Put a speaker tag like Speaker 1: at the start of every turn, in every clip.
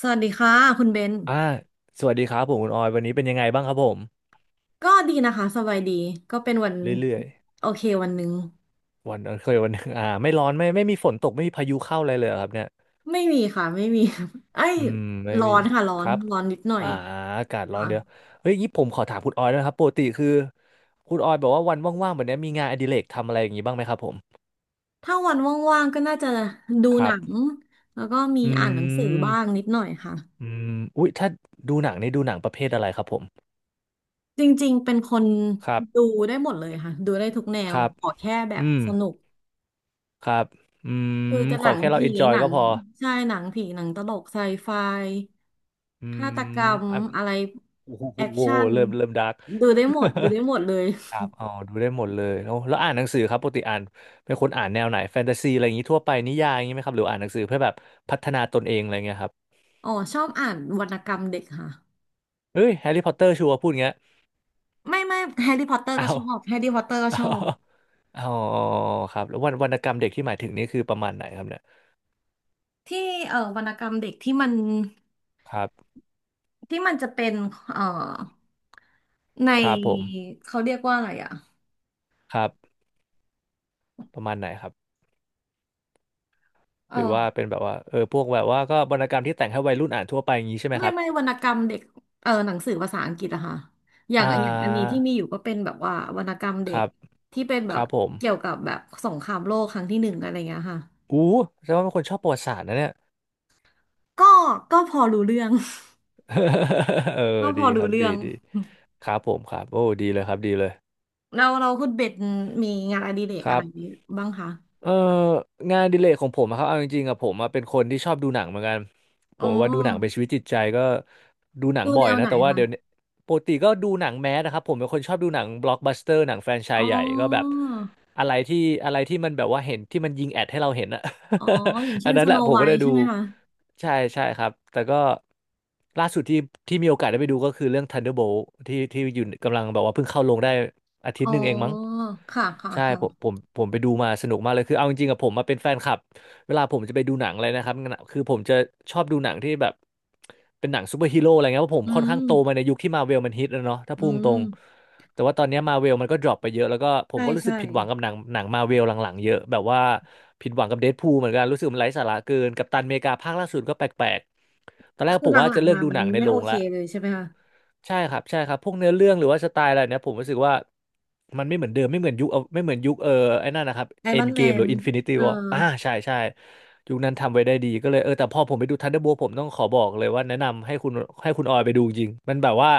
Speaker 1: สวัสดีค่ะคุณเบน
Speaker 2: อ่าสวัสดีครับผมคุณออยวันนี้เป็นยังไงบ้างครับผม
Speaker 1: ก็ดีนะคะสบายดีก็เป็นวัน
Speaker 2: เรื่อย
Speaker 1: โอเควันหนึ่ง
Speaker 2: ๆวันเคยวันหนึง ไม่ร้อนไม่มีฝนตกไม่มีพายุเข้าอะไรเลยเหรอครับเนี่ย
Speaker 1: ไม่มีค่ะไม่มี ไอ้ย
Speaker 2: อืมไม่
Speaker 1: ร้อ
Speaker 2: มี
Speaker 1: นค่ะร้อ
Speaker 2: ค
Speaker 1: น
Speaker 2: รับ
Speaker 1: ร้อนนิดหน่อย
Speaker 2: อ่าอากาศร้อน
Speaker 1: ค่ะ
Speaker 2: เดี๋ยวเฮ้ยงี้ผมขอถามคุณออยด้วยนะครับปกติคือคุณออยบอกว่าวันว่างๆแบบเนี้ยมีงานอดิเรกทำอะไรอย่างงี้บ้างไหมครับผม
Speaker 1: ถ้าวันว่างๆก็น่าจะดู
Speaker 2: ค
Speaker 1: ห
Speaker 2: รั
Speaker 1: นั
Speaker 2: บ
Speaker 1: งแล้วก็มี
Speaker 2: อื
Speaker 1: อ่านหนังสือบ้าง
Speaker 2: ม
Speaker 1: นิดหน่อยค่ะ
Speaker 2: อืมอุ๊ยถ้าดูหนังนี่ดูหนังประเภทอะไรครับผม
Speaker 1: จริงๆเป็นคน
Speaker 2: ครับ
Speaker 1: ดูได้หมดเลยค่ะดูได้ทุกแน
Speaker 2: ค
Speaker 1: ว
Speaker 2: รับ
Speaker 1: ขอแค่แบบ
Speaker 2: อืม
Speaker 1: สนุก
Speaker 2: ครับอื
Speaker 1: เออ
Speaker 2: ม
Speaker 1: จะห
Speaker 2: ข
Speaker 1: นั
Speaker 2: อ
Speaker 1: ง
Speaker 2: แค่เรา
Speaker 1: ผี
Speaker 2: เอนจอย
Speaker 1: หนั
Speaker 2: ก็
Speaker 1: ง
Speaker 2: พอ
Speaker 1: ใช่หนังผีหนังตลกไซไฟ
Speaker 2: อื
Speaker 1: ฆา
Speaker 2: ม
Speaker 1: ตกรรมอะไร
Speaker 2: โอ้
Speaker 1: แอค
Speaker 2: โห
Speaker 1: ชั่น
Speaker 2: เริ่มดาร์ก
Speaker 1: ดูได้หมดดูได้หมดเลย
Speaker 2: ครับอ๋อดูได้หมดเลยแล้วอ่านหนังสือครับปกติอ่านเป็นคนอ่านแนวไหนแฟนตาซีอะไรอย่างนี้ทั่วไปนิยายอย่างนี้ไหมครับหรืออ่านหนังสือเพื่อแบบพัฒนาตนเองอะไรเงี้ยครับ
Speaker 1: อ๋อชอบอ่านวรรณกรรมเด็กค่ะ
Speaker 2: เฮ้ยแฮร์รี่พอตเตอร์ชัวร์พูดอย่างเงี้ย
Speaker 1: ไม่ไม่แฮร์รี่พอตเตอร์
Speaker 2: อ้า
Speaker 1: ก็ช
Speaker 2: ว
Speaker 1: อบแฮร์รี่พอตเตอร์ก็
Speaker 2: อ้า
Speaker 1: ชอบ
Speaker 2: วอ๋อครับแล้ววรรณกรรมเด็กที่หมายถึงนี่คือประมาณไหนครับเนี่ย
Speaker 1: ที่วรรณกรรมเด็กที่มัน
Speaker 2: ครับ
Speaker 1: ที่มันจะเป็นเอ่อใน
Speaker 2: ครับผม
Speaker 1: เขาเรียกว่าอะไรอ่ะ
Speaker 2: ครับประมาณไหนครับ
Speaker 1: เอ
Speaker 2: หรื
Speaker 1: อ
Speaker 2: อว่าเป็นแบบว่าเออพวกแบบว่าก็วรรณกรรมที่แต่งให้วัยรุ่นอ่านทั่วไปอย่างนี้ใช่ไหม
Speaker 1: ไม่
Speaker 2: ครับ
Speaker 1: ไม่วรรณกรรมเด็กเออหนังสือภาษาอังกฤษอะค่ะอย่า
Speaker 2: อ่
Speaker 1: งอย่างอันนี้
Speaker 2: า
Speaker 1: ที่มีอยู่ก็เป็นแบบว่าวรรณกรรม
Speaker 2: ค
Speaker 1: เด็ก
Speaker 2: รับ
Speaker 1: ที่เป็น
Speaker 2: ค
Speaker 1: แบบ
Speaker 2: รับผม
Speaker 1: เกี่ยวกับแบบสงครามโลกครั้งที่ 1อะไรเงี้ยค่ะ
Speaker 2: อู้แสดงว่าเป็นคนชอบประวัติศาสตร์นะเนี่ย
Speaker 1: ก็ก็พอรู้เรื่อง
Speaker 2: เออ
Speaker 1: ก็พ
Speaker 2: ดี
Speaker 1: อ
Speaker 2: ค
Speaker 1: รู้
Speaker 2: รับ
Speaker 1: เรื่
Speaker 2: ดี
Speaker 1: อง
Speaker 2: ดีครับผมครับโอ้ดีเลยครับดีเลย
Speaker 1: เราคุณเบ็ดมีงานอดิเรก
Speaker 2: ค
Speaker 1: อะ
Speaker 2: รั
Speaker 1: ไร
Speaker 2: บ
Speaker 1: บ้างคะ
Speaker 2: เอองานอดิเรกของผมอะครับเอาจริงๆอะผมอะเป็นคนที่ชอบดูหนังเหมือนกันผ
Speaker 1: อ๋อ
Speaker 2: มว่าดูหนังเป็นชีวิตจิตใจก็ดูหนัง
Speaker 1: ดู
Speaker 2: บ่อ
Speaker 1: แน
Speaker 2: ย
Speaker 1: ว
Speaker 2: นะ
Speaker 1: ไหน
Speaker 2: แต่ว่า
Speaker 1: คะ
Speaker 2: เดี๋ยวนี้ปกติก็ดูหนังแมสนะครับผมเป็นคนชอบดูหนังบล็อกบัสเตอร์หนังแฟรนไช
Speaker 1: อ๋
Speaker 2: ส์
Speaker 1: อ
Speaker 2: ใหญ่ก็แบบอะไรที่อะไรที่มันแบบว่าเห็นที่มันยิงแอดให้เราเห็นอะ
Speaker 1: อ๋ออย่าง
Speaker 2: อั
Speaker 1: เช่
Speaker 2: น
Speaker 1: น
Speaker 2: นั้
Speaker 1: ส
Speaker 2: นแห
Speaker 1: โน
Speaker 2: ละผม
Speaker 1: ไว
Speaker 2: ก็ได้
Speaker 1: ท์
Speaker 2: ดู
Speaker 1: ใช่ไหมคะ
Speaker 2: ใช่ใช่ครับแต่ก็ล่าสุดที่ที่มีโอกาสได้ไปดูก็คือเรื่อง Thunderbolt ที่ที่อยู่กำลังแบบว่าเพิ่งเข้าลงได้อาทิต
Speaker 1: อ๋อ
Speaker 2: ย์หนึ่งเองมั้ง
Speaker 1: ค่ะค่ะ
Speaker 2: ใช่
Speaker 1: ค่ะ
Speaker 2: ผมไปดูมาสนุกมากเลยคือเอาจริงๆอะผมมาเป็นแฟนคลับเวลาผมจะไปดูหนังอะไรนะครับงั้นอะคือผมจะชอบดูหนังที่แบบเป็นหนังซูเปอร์ฮีโร่อะไรเงี้ยเพราะผ
Speaker 1: อื
Speaker 2: มค่อนข้า
Speaker 1: ม
Speaker 2: งโตมาในยุคที่มาเวลมันฮิตแล้วเนาะถ้า
Speaker 1: อื
Speaker 2: พูดตรง
Speaker 1: ม
Speaker 2: ๆแต่ว่าตอนเนี้มาเวลมันก็ดรอปไปเยอะแล้วก็ผม
Speaker 1: ใช่
Speaker 2: ก็รู้สึ
Speaker 1: ใช่
Speaker 2: กผิดหวังกับหนังมาเวลหลังๆเยอะแบบว่าผิดหวังกับเดดพูลเหมือนกันรู้สึกมันไร้สาระเกินกัปตันอเมริกาภาคล่าสุดก็แปลกๆตอนแรก
Speaker 1: คือ
Speaker 2: ผม
Speaker 1: ห
Speaker 2: ว่า
Speaker 1: ลั
Speaker 2: จะ
Speaker 1: ง
Speaker 2: เลิ
Speaker 1: ๆ
Speaker 2: ก
Speaker 1: มา
Speaker 2: ดู
Speaker 1: มั
Speaker 2: ห
Speaker 1: น
Speaker 2: นังใน
Speaker 1: ไม่
Speaker 2: โร
Speaker 1: โอ
Speaker 2: ง
Speaker 1: เค
Speaker 2: ละ
Speaker 1: เลยใช่ไหมคะ
Speaker 2: ใช่ครับใช่ครับพวกเนื้อเรื่องหรือว่าสไตล์อะไรเนี่ยผมรู้สึกว่ามันไม่เหมือนเดิมไม่เหมือนยุคเอาไม่เหมือนยุคเออไอ้นั่นนะครับ
Speaker 1: ไอ
Speaker 2: เอ็
Speaker 1: รอ
Speaker 2: น
Speaker 1: น
Speaker 2: เก
Speaker 1: แม
Speaker 2: มหรื
Speaker 1: น
Speaker 2: ออินฟินิตี้
Speaker 1: เอ
Speaker 2: ว
Speaker 1: อ
Speaker 2: ออ่าใช่ใช่ยุคนั้นทำไว้ได้ดีก็เลยเออแต่พอผมไปดูทันเดอร์โบผมต้องขอบอกเลยว่าแนะนำให้คุณให้คุณออยไปดูจริงมันแบบว่า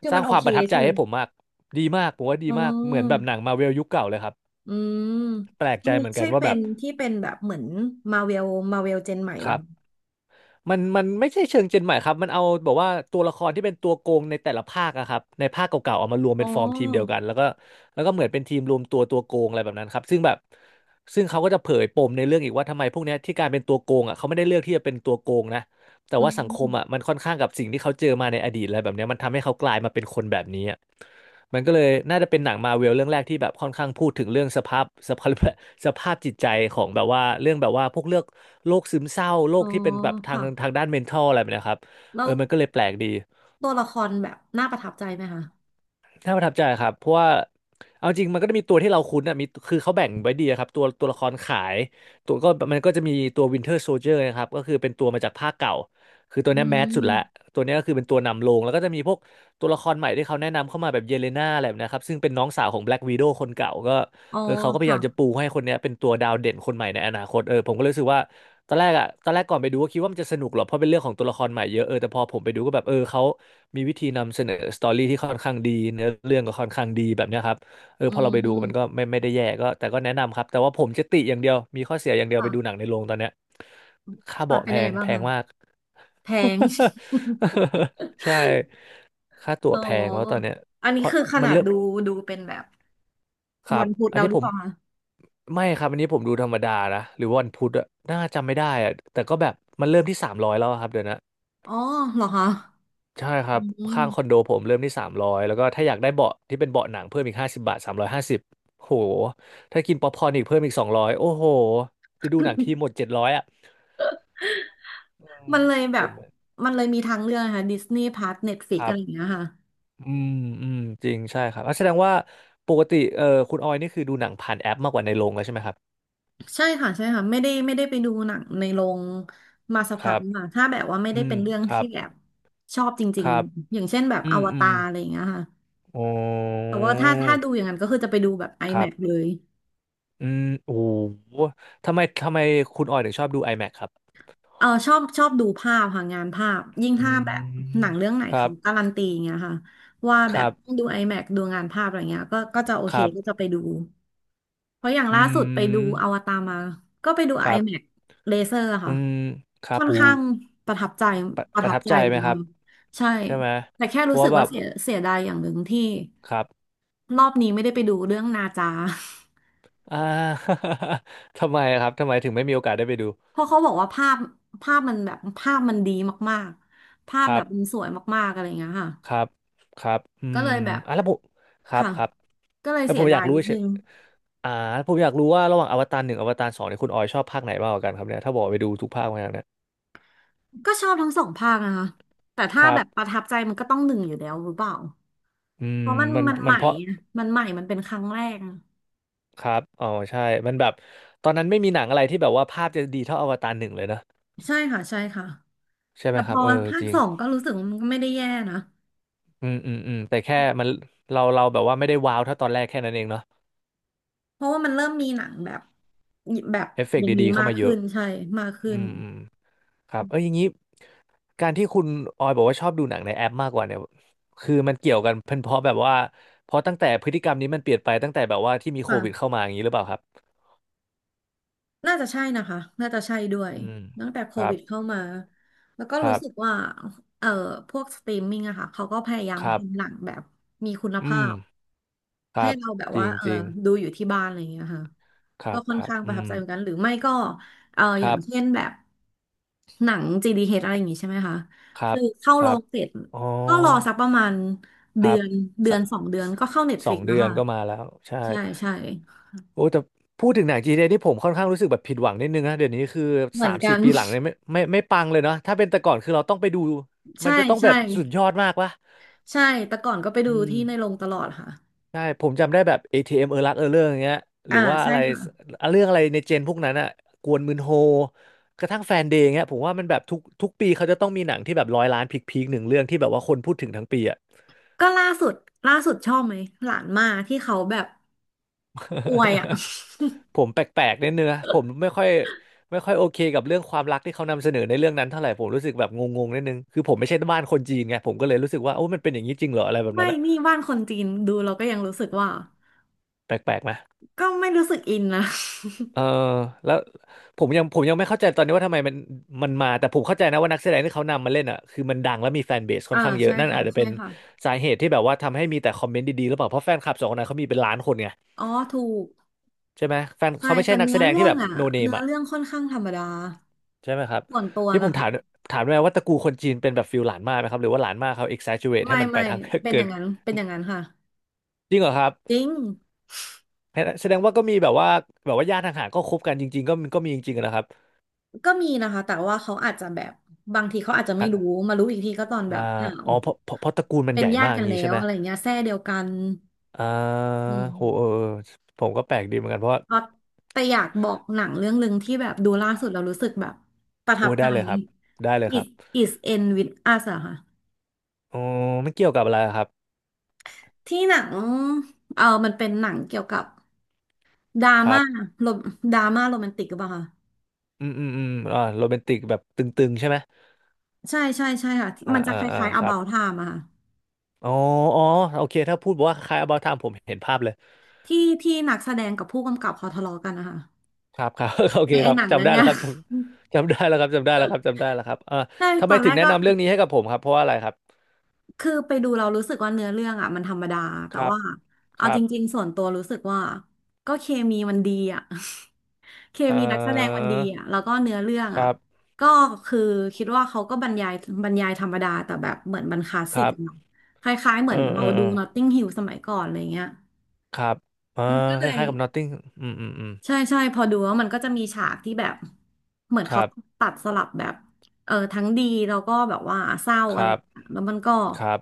Speaker 1: คือ
Speaker 2: ส
Speaker 1: มั
Speaker 2: ร้าง
Speaker 1: นโอ
Speaker 2: ความ
Speaker 1: เค
Speaker 2: ประทับใจ
Speaker 1: ใช่ไหม
Speaker 2: ให้ผมมากดีมากผมว่าดี
Speaker 1: อ๋อ
Speaker 2: มากเหมือนแบบหนังมาเวลยุคเก่าเลยครับ
Speaker 1: อืม
Speaker 2: แปลก
Speaker 1: อั
Speaker 2: ใจ
Speaker 1: นนี้
Speaker 2: เหมือนกั
Speaker 1: ใช่
Speaker 2: นว่า
Speaker 1: เป็
Speaker 2: แบ
Speaker 1: น
Speaker 2: บ
Speaker 1: ที่เป็นแบบเหมือนมาเวลเจนใหม่
Speaker 2: ค
Speaker 1: ป่ะ
Speaker 2: รับ มันไม่ใช่เชิงเจนใหม่ครับมันเอาแบบว่าตัวละครที่เป็นตัวโกงในแต่ละภาคอะครับในภาคเก่าๆเอามารวม
Speaker 1: อ๋อ
Speaker 2: เป็นฟอร์มทีมเดียวกันแล้วก็แล้วก็เหมือนเป็นทีมรวมตัวโกงอะไรแบบนั้นครับซึ่งแบบซึ่งเขาก็จะเผยปมในเรื่องอีกว่าทำไมพวกเนี้ยที่การเป็นตัวโกงอะเขาไม่ได้เลือกที่จะเป็นตัวโกงนะแต่
Speaker 1: อื
Speaker 2: ว่าสังคมอะ
Speaker 1: ม
Speaker 2: มันค่อนข้างกับสิ่งที่เขาเจอมาในอดีตอะไรแบบเนี้ยมันทำให้เขากลายมาเป็นคนแบบนี้ มันก็เลยน่าจะเป็นหนังมาร์เวลเรื่องแรกที่แบบค่อนข้างพูดถึงเรื่องสภาพ สภาพจิตใจของแบบว่าเรื่องแบบว่าพวกเรื่องโรคซึมเศร้าโร
Speaker 1: อ๋
Speaker 2: ค
Speaker 1: อ
Speaker 2: ที่เป็นแบบทาง
Speaker 1: ค่ะ
Speaker 2: ทางด้าน mental อะไรแบบเนะครับ
Speaker 1: แล้
Speaker 2: เอ
Speaker 1: ว
Speaker 2: อมันก็เลยแปลกดี
Speaker 1: ตัวละครแบบน่าประทับใจไหมคะ
Speaker 2: น่าประทับใจครับเพราะว่าเอาจริงมันก็จะมีตัวที่เราคุ้นอ่ะมีคือเขาแบ่งไว้ดีอะครับตัวละครขายตัวก็มันก็จะมีตัววินเทอร์โซ i เจอร์นะครับก็คือเป็นตัวมาจากภาคเก่าคือตัว
Speaker 1: อื
Speaker 2: เนี้ยแมสสุดละ
Speaker 1: ม
Speaker 2: ตัวเนี้ยก็คือเป็นตัวนำโลงแล้วก็จะมีพวกตัวละครใหม่ที่เขาแนะนำเข้ามาแบบเยเลน่าอะไรแบบนะครับซึ่งเป็นน้องสาวของแบล็กวีโดคนเก่าก็
Speaker 1: อ๋อ
Speaker 2: เขาก็พยา
Speaker 1: ค่ะ
Speaker 2: ยามจะปูให้คนเนี้ยเป็นตัวดาวเด่นคนใหม่ในอนาคตผมก็เลยรู้สึกว่า ตอนแรกอะตอนแรกก่อนไปดูก็คิดว่ามันจะสนุกหรอกเพราะเป็นเรื่องของตัวละครใหม่เยอะแต่พอผมไปดูก็แบบเขามีวิธีนำเสนอสตอรี่ที่ค่อนข้างดีเนื้อเรื่องก็ค่อนข้างดีแบบเนี้ยครับ
Speaker 1: อื
Speaker 2: พอเราไปดูมันก็
Speaker 1: ม
Speaker 2: ไม่ได้แย่ก็แต่ก็แนะนำครับแต่ว่าผมจะติอย่างเดียวมีข้อเสียอย่างเดียวไปดูหนั
Speaker 1: ค่ะ
Speaker 2: งในโรงตอนเนี้ยค่า
Speaker 1: ค่ะ
Speaker 2: เบาะ
Speaker 1: เป็น
Speaker 2: แพ
Speaker 1: ยังไง
Speaker 2: ง
Speaker 1: บ้า
Speaker 2: แพ
Speaker 1: ง
Speaker 2: ง
Speaker 1: คะ
Speaker 2: มาก
Speaker 1: แพง
Speaker 2: ใช่ค่าตั๋
Speaker 1: อ๋
Speaker 2: วแพงแล้วตอน
Speaker 1: อ
Speaker 2: เนี้ย
Speaker 1: อัน
Speaker 2: เพ
Speaker 1: นี้
Speaker 2: ราะ
Speaker 1: คือข
Speaker 2: มัน
Speaker 1: นาด
Speaker 2: เริ่ม
Speaker 1: ดูเป็นแบบ
Speaker 2: ครั
Speaker 1: วั
Speaker 2: บ
Speaker 1: นพุธ
Speaker 2: อัน
Speaker 1: เรา
Speaker 2: นี้
Speaker 1: หรื
Speaker 2: ผ
Speaker 1: อเป
Speaker 2: ม
Speaker 1: ล่าคะ
Speaker 2: ไม่ครับอันนี้ผมดูธรรมดานะหรือวาวันพุธอะน่าจำไม่ได้อะแต่ก็แบบมันเริ่มที่สามร้อยแล้วอะครับเดี๋ยวนะ
Speaker 1: อ๋อเหรอคะ
Speaker 2: ใช่ครั
Speaker 1: อื
Speaker 2: บข้างคอนโด
Speaker 1: ม
Speaker 2: ผมเริ่มที่สามร้อยแล้วก็ถ้าอยากได้เบาะที่เป็นเบาะหนังเพิ่มอีกห้าสิบบาทสามร้อยห้าสิบโหถ้ากินป๊อปคอร์นอีกเพิ่มอีกสองร้อยโอ้โหจะดูหนังทีหมดเจ็ดร้อยอะอืม
Speaker 1: มันเลยแบ
Speaker 2: ผ
Speaker 1: บ
Speaker 2: ม
Speaker 1: มันเลยมีทางเลือกนะคะดิสนีย์พาร์สเน็ตฟลิก
Speaker 2: ค
Speaker 1: อะ
Speaker 2: รั
Speaker 1: ไรอย่าง
Speaker 2: บ
Speaker 1: เงี้ยค่ะ
Speaker 2: อืมอืมจริงใช่ครับอ่ะแสดงว่าปกติคุณออยนี่คือดูหนังผ่านแอปมากกว่าในโรงแล้วใช่ไหมครับ
Speaker 1: ใช่ค่ะใช่ค่ะไม่ได้ไม่ได้ไปดูหนังในโรงมาสัก
Speaker 2: ค
Speaker 1: พัก
Speaker 2: รับ
Speaker 1: ค่ะถ้าแบบว่าไม่ได้
Speaker 2: อื
Speaker 1: เป็
Speaker 2: ม
Speaker 1: นเรื่อง
Speaker 2: ครั
Speaker 1: ที่
Speaker 2: บ
Speaker 1: แบบชอบจ
Speaker 2: ค
Speaker 1: ริง
Speaker 2: รับ
Speaker 1: ๆอย่างเช่นแบบ
Speaker 2: อื
Speaker 1: อ
Speaker 2: ม
Speaker 1: ว
Speaker 2: อื
Speaker 1: ตา
Speaker 2: ม
Speaker 1: รอะไรอย่างเงี้ยค่ะ
Speaker 2: อ๋
Speaker 1: แต่
Speaker 2: อ
Speaker 1: ว่าถ้าถ้าดูอย่างนั้นก็คือจะไปดูแบบ
Speaker 2: ครั
Speaker 1: IMAX เล
Speaker 2: บ
Speaker 1: ย
Speaker 2: อืมโอ้โหทำไมทำไมคุณออยถึงชอบดู IMAX ครับ
Speaker 1: เออชอบชอบดูภาพค่ะงานภาพยิ่ง
Speaker 2: อื
Speaker 1: ถ้าแบบ
Speaker 2: ม
Speaker 1: หนังเรื่องไหน
Speaker 2: ครั
Speaker 1: เขา
Speaker 2: บ
Speaker 1: การันตีอย่างเงี้ยค่ะว่า
Speaker 2: ค
Speaker 1: แบบ
Speaker 2: รับ
Speaker 1: ต้องดู i ดูงานภาพอะไรเงี้ยก็ก็จะโอ
Speaker 2: ค
Speaker 1: เค
Speaker 2: รั
Speaker 1: ก็จะ
Speaker 2: บ
Speaker 1: ไปดู เพราะอย่าง
Speaker 2: อื
Speaker 1: ล่าสุดไปดูอ
Speaker 2: ม
Speaker 1: วตารมา ก็ไปดู
Speaker 2: ครับ
Speaker 1: IMAX เลเซอร์
Speaker 2: อื
Speaker 1: ค่ะ
Speaker 2: มครับ
Speaker 1: ค่อน
Speaker 2: โอ้โห
Speaker 1: ข้างประทับใจ
Speaker 2: ประ
Speaker 1: ป
Speaker 2: ป
Speaker 1: ระ
Speaker 2: ระ
Speaker 1: ทับ
Speaker 2: ทับ
Speaker 1: ใจ
Speaker 2: ใจ
Speaker 1: เลย
Speaker 2: ไหมค
Speaker 1: นะ
Speaker 2: รับ
Speaker 1: คะใช่
Speaker 2: ใช่ไหม
Speaker 1: แต่แค่
Speaker 2: เพ
Speaker 1: รู้
Speaker 2: ราะ
Speaker 1: สึ
Speaker 2: ว่า
Speaker 1: ก
Speaker 2: แบ
Speaker 1: ว่า
Speaker 2: บ
Speaker 1: เสียเสียดายอย่างหนึ่งที่
Speaker 2: ครับ
Speaker 1: รอบนี้ไม่ได้ไปดูเรื่องนาจา
Speaker 2: อ่า ทำไมครับทำไมถึงไม่มีโอกาสได้ไปดู
Speaker 1: เพราะเขาบอกว่าภาพภาพมันแบบภาพมันดีมากๆ ภาพ
Speaker 2: ค
Speaker 1: แบ
Speaker 2: รั
Speaker 1: บมัน
Speaker 2: บ
Speaker 1: สวยมากๆอะไรอย่างเงี้ยค่ะ
Speaker 2: ครับครับอื
Speaker 1: ก็
Speaker 2: ม
Speaker 1: เลยแบบ
Speaker 2: อ่ะแล้วผมครับ
Speaker 1: ค่ะ
Speaker 2: ครับ
Speaker 1: ก็เลย
Speaker 2: แล้ว
Speaker 1: เสี
Speaker 2: ผ
Speaker 1: ย
Speaker 2: มอ
Speaker 1: ดา
Speaker 2: ยา
Speaker 1: ย
Speaker 2: กรู้
Speaker 1: นิด
Speaker 2: เฉ
Speaker 1: นึ
Speaker 2: ย
Speaker 1: ง
Speaker 2: อ่าผมอยากรู้ว่าระหว่างอวตารหนึ่งอวตารสองเนี่ยคุณออยชอบภาคไหนมากกว่ากันครับเนี่ยถ้าบอกไปดูทุกภาคมาแล้วเนี่ย
Speaker 1: ก็ชอบทั้งสองภาคนะคะแต่
Speaker 2: ค
Speaker 1: ถ้า
Speaker 2: รั
Speaker 1: แบ
Speaker 2: บ
Speaker 1: บประทับใจมันก็ต้องหนึ่งอยู่แล้วหรือเปล่า
Speaker 2: อืม
Speaker 1: เพราะมัน
Speaker 2: มัน
Speaker 1: มันให
Speaker 2: มัน
Speaker 1: ม่
Speaker 2: เพราะ
Speaker 1: อะมันใหม่มันเป็นครั้งแรกอะ
Speaker 2: ครับ อ๋อใช่มันแบบตอนนั้นไม่มีหนังอะไรที่แบบว่าภาพจะดีเท่าอวตารหนึ่งเลยนะ
Speaker 1: ใช่ค่ะใช่ค่ะ
Speaker 2: ใช่ไห
Speaker 1: แต่
Speaker 2: มค
Speaker 1: พ
Speaker 2: รับ
Speaker 1: อ
Speaker 2: เออ
Speaker 1: ภา
Speaker 2: จ
Speaker 1: ค
Speaker 2: ริง
Speaker 1: สองก็รู้สึกว่ามันก็ไม่ได้แย่นะ
Speaker 2: อืมอืมอืมแต่แค่มันเราแบบว่าไม่ได้ว้าวเท่าตอนแรกแค่นั้นเองเนาะ
Speaker 1: เพราะว่ามันเริ่มมีหนังแบบแบบ
Speaker 2: เอฟเฟก
Speaker 1: อ
Speaker 2: ต์
Speaker 1: ย่าง
Speaker 2: ดี
Speaker 1: นี้
Speaker 2: ๆเข้า
Speaker 1: มาก
Speaker 2: มาเย
Speaker 1: ขึ้
Speaker 2: อะ
Speaker 1: นใช่มากขึ้
Speaker 2: อื
Speaker 1: น
Speaker 2: มอืม ครับอย่างนี้การที่คุณออยบอกว่าชอบดูหนังในแอปมากกว่าเนี่ยคือมันเกี่ยวกันเป็นเพราะแบบว่าเพราะตั้งแต่พฤติกรรมนี้มันเปลี่ยนไปตั้งแต่แบบว่าที่มีโควิด
Speaker 1: ค่ะ
Speaker 2: เข้ามาอย่างนี้หรือเปล่าครับ
Speaker 1: น่าจะใช่นะคะน่าจะใช่ด้วย
Speaker 2: อืม
Speaker 1: ตั้งแต่โค
Speaker 2: ครั
Speaker 1: วิ
Speaker 2: บ
Speaker 1: ดเข้ามาแล้วก็
Speaker 2: ค
Speaker 1: รู้
Speaker 2: รับ
Speaker 1: สึกว่าเอ่อพวกสตรีมมิ่งอะค่ะเขาก็พยายาม
Speaker 2: ครับ
Speaker 1: ทำหนังแบบมีคุณ
Speaker 2: อื
Speaker 1: ภา
Speaker 2: ม
Speaker 1: พ
Speaker 2: ค
Speaker 1: ให้
Speaker 2: รับ
Speaker 1: เราแบบ
Speaker 2: จริ
Speaker 1: ว่า
Speaker 2: ง
Speaker 1: เออ
Speaker 2: จริง
Speaker 1: ดูอยู่ที่บ้านอะไรอย่างเงี้ยค่ะ
Speaker 2: ค
Speaker 1: ก็
Speaker 2: รับ
Speaker 1: ค่อ
Speaker 2: ค
Speaker 1: น
Speaker 2: รับ
Speaker 1: ข้างประ
Speaker 2: อื
Speaker 1: ทับใจ
Speaker 2: ม
Speaker 1: เหมือนกันหรือไม่ก็เออ
Speaker 2: ค
Speaker 1: อ
Speaker 2: รั
Speaker 1: ย่าง
Speaker 2: บ
Speaker 1: เช่นแบบหนัง GDH อชอะไรอย่างงี้ใช่ไหมคะ
Speaker 2: ครั
Speaker 1: คื
Speaker 2: บ
Speaker 1: อเข้า
Speaker 2: ค
Speaker 1: โร
Speaker 2: รับ
Speaker 1: งเสร็จ
Speaker 2: อ๋อ
Speaker 1: ก็รอสักประมาณ
Speaker 2: ค
Speaker 1: เดื
Speaker 2: รั
Speaker 1: อ
Speaker 2: บ
Speaker 1: น
Speaker 2: ส
Speaker 1: สองเดือน
Speaker 2: ส
Speaker 1: ก็เข้า
Speaker 2: สอง
Speaker 1: Netflix แล้
Speaker 2: เดื
Speaker 1: ว
Speaker 2: อน
Speaker 1: ค่ะ
Speaker 2: ก็มาแล้วใช่
Speaker 1: ใช่ใช่
Speaker 2: โอ้แต่พูดถึงหนังจีนเนี่ยที่ผมค่อนข้างรู้สึกแบบผิดหวังนิดนึงนะเดี๋ยวนี้คือ
Speaker 1: เหมื
Speaker 2: สา
Speaker 1: อน
Speaker 2: ม
Speaker 1: กั
Speaker 2: สี่
Speaker 1: น
Speaker 2: ปีหลังเนี่ยไม่ปังเลยเนาะถ้าเป็นแต่ก่อนคือเราต้องไปดู มั
Speaker 1: ใช่
Speaker 2: นจะต้องแบ
Speaker 1: ใช่
Speaker 2: บสุดยอดมากวะ
Speaker 1: ใช่แต่ก่อนก็ไป
Speaker 2: อื
Speaker 1: ดู
Speaker 2: ม
Speaker 1: ที่ในโรงตลอดค่ะ
Speaker 2: ใช่ผมจำได้แบบ ATM เอมเออรักเออเรื่องอย่างเงี้ยหรื
Speaker 1: อ่า
Speaker 2: อว่า
Speaker 1: ใช่
Speaker 2: อะไร
Speaker 1: ค่ะ
Speaker 2: เรื่องอะไรในเจนพวกนั้นอะกวนมืนโฮกระทั่งแฟนเดย์เงี้ยผมว่ามันแบบทุกปีเขาจะต้องมีหนังที่แบบร้อยล้านพีคๆหนึ่งเรื่องที่แบบว่าคนพูดถึงทั้งปีอะ
Speaker 1: ก็ล่าสุดชอบไหมหลานมาที่เขาแบบอวยอ่ะ
Speaker 2: ผมแปลกๆนิดนึงนะผม ไม่ค่อยไม่ค่อยโอเคกับเรื่องความรักที่เขานำเสนอในเรื่องนั้นเท่าไหร่ผมรู้สึกแบบงงๆนิดนึงคือผมไม่ใช่บ้านคนจีนไงผมก็เลยรู้สึกว่าโอ้มันเป็นอย่างนี้จริงเหรออะไรแบบ
Speaker 1: ไม่
Speaker 2: นั้นอะ
Speaker 1: นี่บ้านคนจีนดูเราก็ยังรู้สึกว่า
Speaker 2: แปลกๆไหม
Speaker 1: ก็ไม่รู้สึกอินนะ
Speaker 2: เออแล้วผมยังไม่เข้าใจตอนนี้ว่าทำไมมันมันมาแต่ผมเข้าใจนะว่านักแสดงที่เขานำมาเล่นอะคือมันดังและมีแฟนเบสค่อ
Speaker 1: อ่า
Speaker 2: นข้างเย
Speaker 1: ใช่
Speaker 2: อะนั่น
Speaker 1: ค่ะ
Speaker 2: อาจจะ
Speaker 1: ใช่
Speaker 2: เป็น
Speaker 1: ค่ะ
Speaker 2: สาเหตุที่แบบว่าทำให้มีแต่คอมเมนต์ดีๆหรือเปล่าเพราะแฟนคลับสองคนนั้นเขามีเป็นล้านคนไง
Speaker 1: อ๋อถูก
Speaker 2: ใช่ไหมแฟน
Speaker 1: ใช่
Speaker 2: เขาไม่ใช่
Speaker 1: แต่
Speaker 2: นัก
Speaker 1: เนื้
Speaker 2: แส
Speaker 1: อ
Speaker 2: ดง
Speaker 1: เรื่
Speaker 2: ที่
Speaker 1: อง
Speaker 2: แบบ
Speaker 1: อ่ะ
Speaker 2: โนเนม
Speaker 1: เนื้อเรื่องค่อนข้างธรรมดา
Speaker 2: ใช่ไหมครับ
Speaker 1: ส่วนตัว
Speaker 2: นี่ผ
Speaker 1: นะ
Speaker 2: มถา
Speaker 1: คะ
Speaker 2: มถามได้ไหมว่าตระกูลคนจีนเป็นแบบฟิลหลานมากไหมครับหรือว่าหลานมากเขา exaggerate ให้
Speaker 1: ไม่
Speaker 2: มันไป
Speaker 1: ไม่
Speaker 2: ทาง
Speaker 1: เป็นอ
Speaker 2: เกิน
Speaker 1: ย่างนั้นเป็นอย่างนั้นค่ะ
Speaker 2: จริงเหรอครับ
Speaker 1: จริง
Speaker 2: แสดงว่าก็มีแบบว่าแบบว่าญาติทางห่างๆก็คบกันจริงๆก็มีก็มีจริงๆอะนะครับ
Speaker 1: ก็มีนะคะแต่ว่าเขาอาจจะแบบบางทีเขาอาจจะไม่
Speaker 2: ฮะ
Speaker 1: รู้มารู้อีกทีก็ตอนแบ
Speaker 2: อ่า
Speaker 1: บอ้าว
Speaker 2: อ๋อเพราะตระกูลมัน
Speaker 1: เป็
Speaker 2: ให
Speaker 1: น
Speaker 2: ญ่
Speaker 1: ญา
Speaker 2: มา
Speaker 1: ติ
Speaker 2: กอ
Speaker 1: กั
Speaker 2: ย่า
Speaker 1: น
Speaker 2: ง
Speaker 1: แล้
Speaker 2: งี้ใช่
Speaker 1: ว
Speaker 2: ไหม
Speaker 1: อะไรเงี้ยแทร่เดียวกัน
Speaker 2: อ่า
Speaker 1: อื
Speaker 2: โหเอ
Speaker 1: ม
Speaker 2: อเออผมก็แปลกดีเหมือนกันเพราะว่า
Speaker 1: เพราะแต่อยากบอกหนังเรื่องหนึ่งที่แบบดูล่าสุดเรารู้สึกแบบประทั
Speaker 2: โอ้
Speaker 1: บใจ
Speaker 2: ได้เลยครับได้เลยครับ
Speaker 1: It is end with us อะค่ะ
Speaker 2: อ๋อไม่เกี่ยวกับอะไรครับ
Speaker 1: ที่หนังเออมันเป็นหนังเกี่ยวกับดรา
Speaker 2: ครั
Speaker 1: ม่า
Speaker 2: บ
Speaker 1: โรมดราม่าโรแมนติกหรือเปล่าคะ
Speaker 2: อืมอืมอืมอ่าโรแมนติกแบบตึงๆใช่ไหม
Speaker 1: ใช่ใช่ใช่ค่ะ
Speaker 2: อ่า
Speaker 1: มันจะ
Speaker 2: อ่า
Speaker 1: ค
Speaker 2: อ่า
Speaker 1: ล้ายๆ
Speaker 2: ครับ
Speaker 1: About Time อะค่ะ
Speaker 2: อ๋ออ๋อโอเคถ้าพูดว่าคล้าย About Time ผมเห็นภาพเลย
Speaker 1: ที่ที่นักแสดงกับผู้กำกับเขาทะเลาะกันนะคะ
Speaker 2: ครับครับ โอ
Speaker 1: ไอ
Speaker 2: เค
Speaker 1: ไอ
Speaker 2: ครับ
Speaker 1: หนังเรื่
Speaker 2: จำ
Speaker 1: อง
Speaker 2: ได้แล้
Speaker 1: เนี้
Speaker 2: ว
Speaker 1: ย
Speaker 2: ครับจำจำได้แล้วครับจำได้แล้วครับจำได้แล้วครับอ่า
Speaker 1: ใช่
Speaker 2: ทำ
Speaker 1: ต
Speaker 2: ไม
Speaker 1: อนแร
Speaker 2: ถึง
Speaker 1: ก
Speaker 2: แนะ
Speaker 1: ก็
Speaker 2: นำเรื่องนี้ให้กับผมครับเพราะว่าอะไรครับ
Speaker 1: คือไปดูเรารู้สึกว่าเนื้อเรื่องอะมันธรรมดาแต่
Speaker 2: ครับ
Speaker 1: ว่า
Speaker 2: ค
Speaker 1: เอา
Speaker 2: รั
Speaker 1: จ
Speaker 2: บ
Speaker 1: ริงๆส่วนตัวรู้สึกว่าก็เคมีมันดีอะ เค
Speaker 2: อ่อ
Speaker 1: มีนักแสดงมันดีอ่ะแล้วก็เนื้อเรื่อง
Speaker 2: ค
Speaker 1: อ่ะ
Speaker 2: รับ
Speaker 1: ก็คือคิดว่าเขาก็บรรยายบรรยายธรรมดาแต่แบบเหมือนบรรคลาส
Speaker 2: ค
Speaker 1: สิก
Speaker 2: รั
Speaker 1: อะเนาะ
Speaker 2: บ
Speaker 1: คล้ายๆเห
Speaker 2: เอ
Speaker 1: มือ
Speaker 2: อ
Speaker 1: น
Speaker 2: เอ
Speaker 1: เรา
Speaker 2: อเอ
Speaker 1: ดู
Speaker 2: อ
Speaker 1: Notting Hill สมัยก่อนอะไรเงี้ย
Speaker 2: ครับอ่า
Speaker 1: มันก็เล
Speaker 2: ค
Speaker 1: ย
Speaker 2: ล้ายๆกับ Notting อืมอืมอืม
Speaker 1: ใช่ใช่พอดูแล้วมันก็จะมีฉากที่แบบเหมือน
Speaker 2: ค
Speaker 1: เขา
Speaker 2: รับ
Speaker 1: ตัดสลับแบบเออทั้งดีแล้วก็แบบว่าเศร้า
Speaker 2: ค
Speaker 1: อะไร
Speaker 2: รั
Speaker 1: อ
Speaker 2: บ
Speaker 1: ย่างเงี้ยแล้วมันก็
Speaker 2: ครับ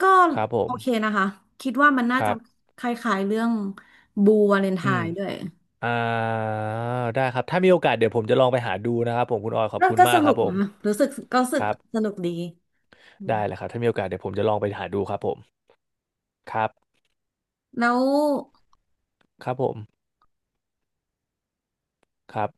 Speaker 1: ก็
Speaker 2: ครับผ
Speaker 1: โอ
Speaker 2: ม
Speaker 1: เคนะคะคิดว่ามันน่า
Speaker 2: ครั
Speaker 1: จะ
Speaker 2: บ
Speaker 1: คล้ายๆเรื่องบูวาเลนไท
Speaker 2: อืม
Speaker 1: น์ด้วย
Speaker 2: อ่าได้ครับ ถ้ามีโอกาสเดี๋ยวผมจะลองไปหาดูนะครับผมคุณออยขอบ
Speaker 1: ก็
Speaker 2: คุณ
Speaker 1: ก็
Speaker 2: มา
Speaker 1: ส
Speaker 2: กค
Speaker 1: นุ
Speaker 2: รับ
Speaker 1: ก
Speaker 2: ผม
Speaker 1: นะรู้สึกก็รู้สึ
Speaker 2: ค
Speaker 1: ก
Speaker 2: รั
Speaker 1: ส
Speaker 2: บ
Speaker 1: นุกดี
Speaker 2: ได้เลยครับถ้ามีโอกาสเดี๋ยวผมจะลองไปหาดูครับผม ครับ
Speaker 1: แล้ว
Speaker 2: ครับผมครับ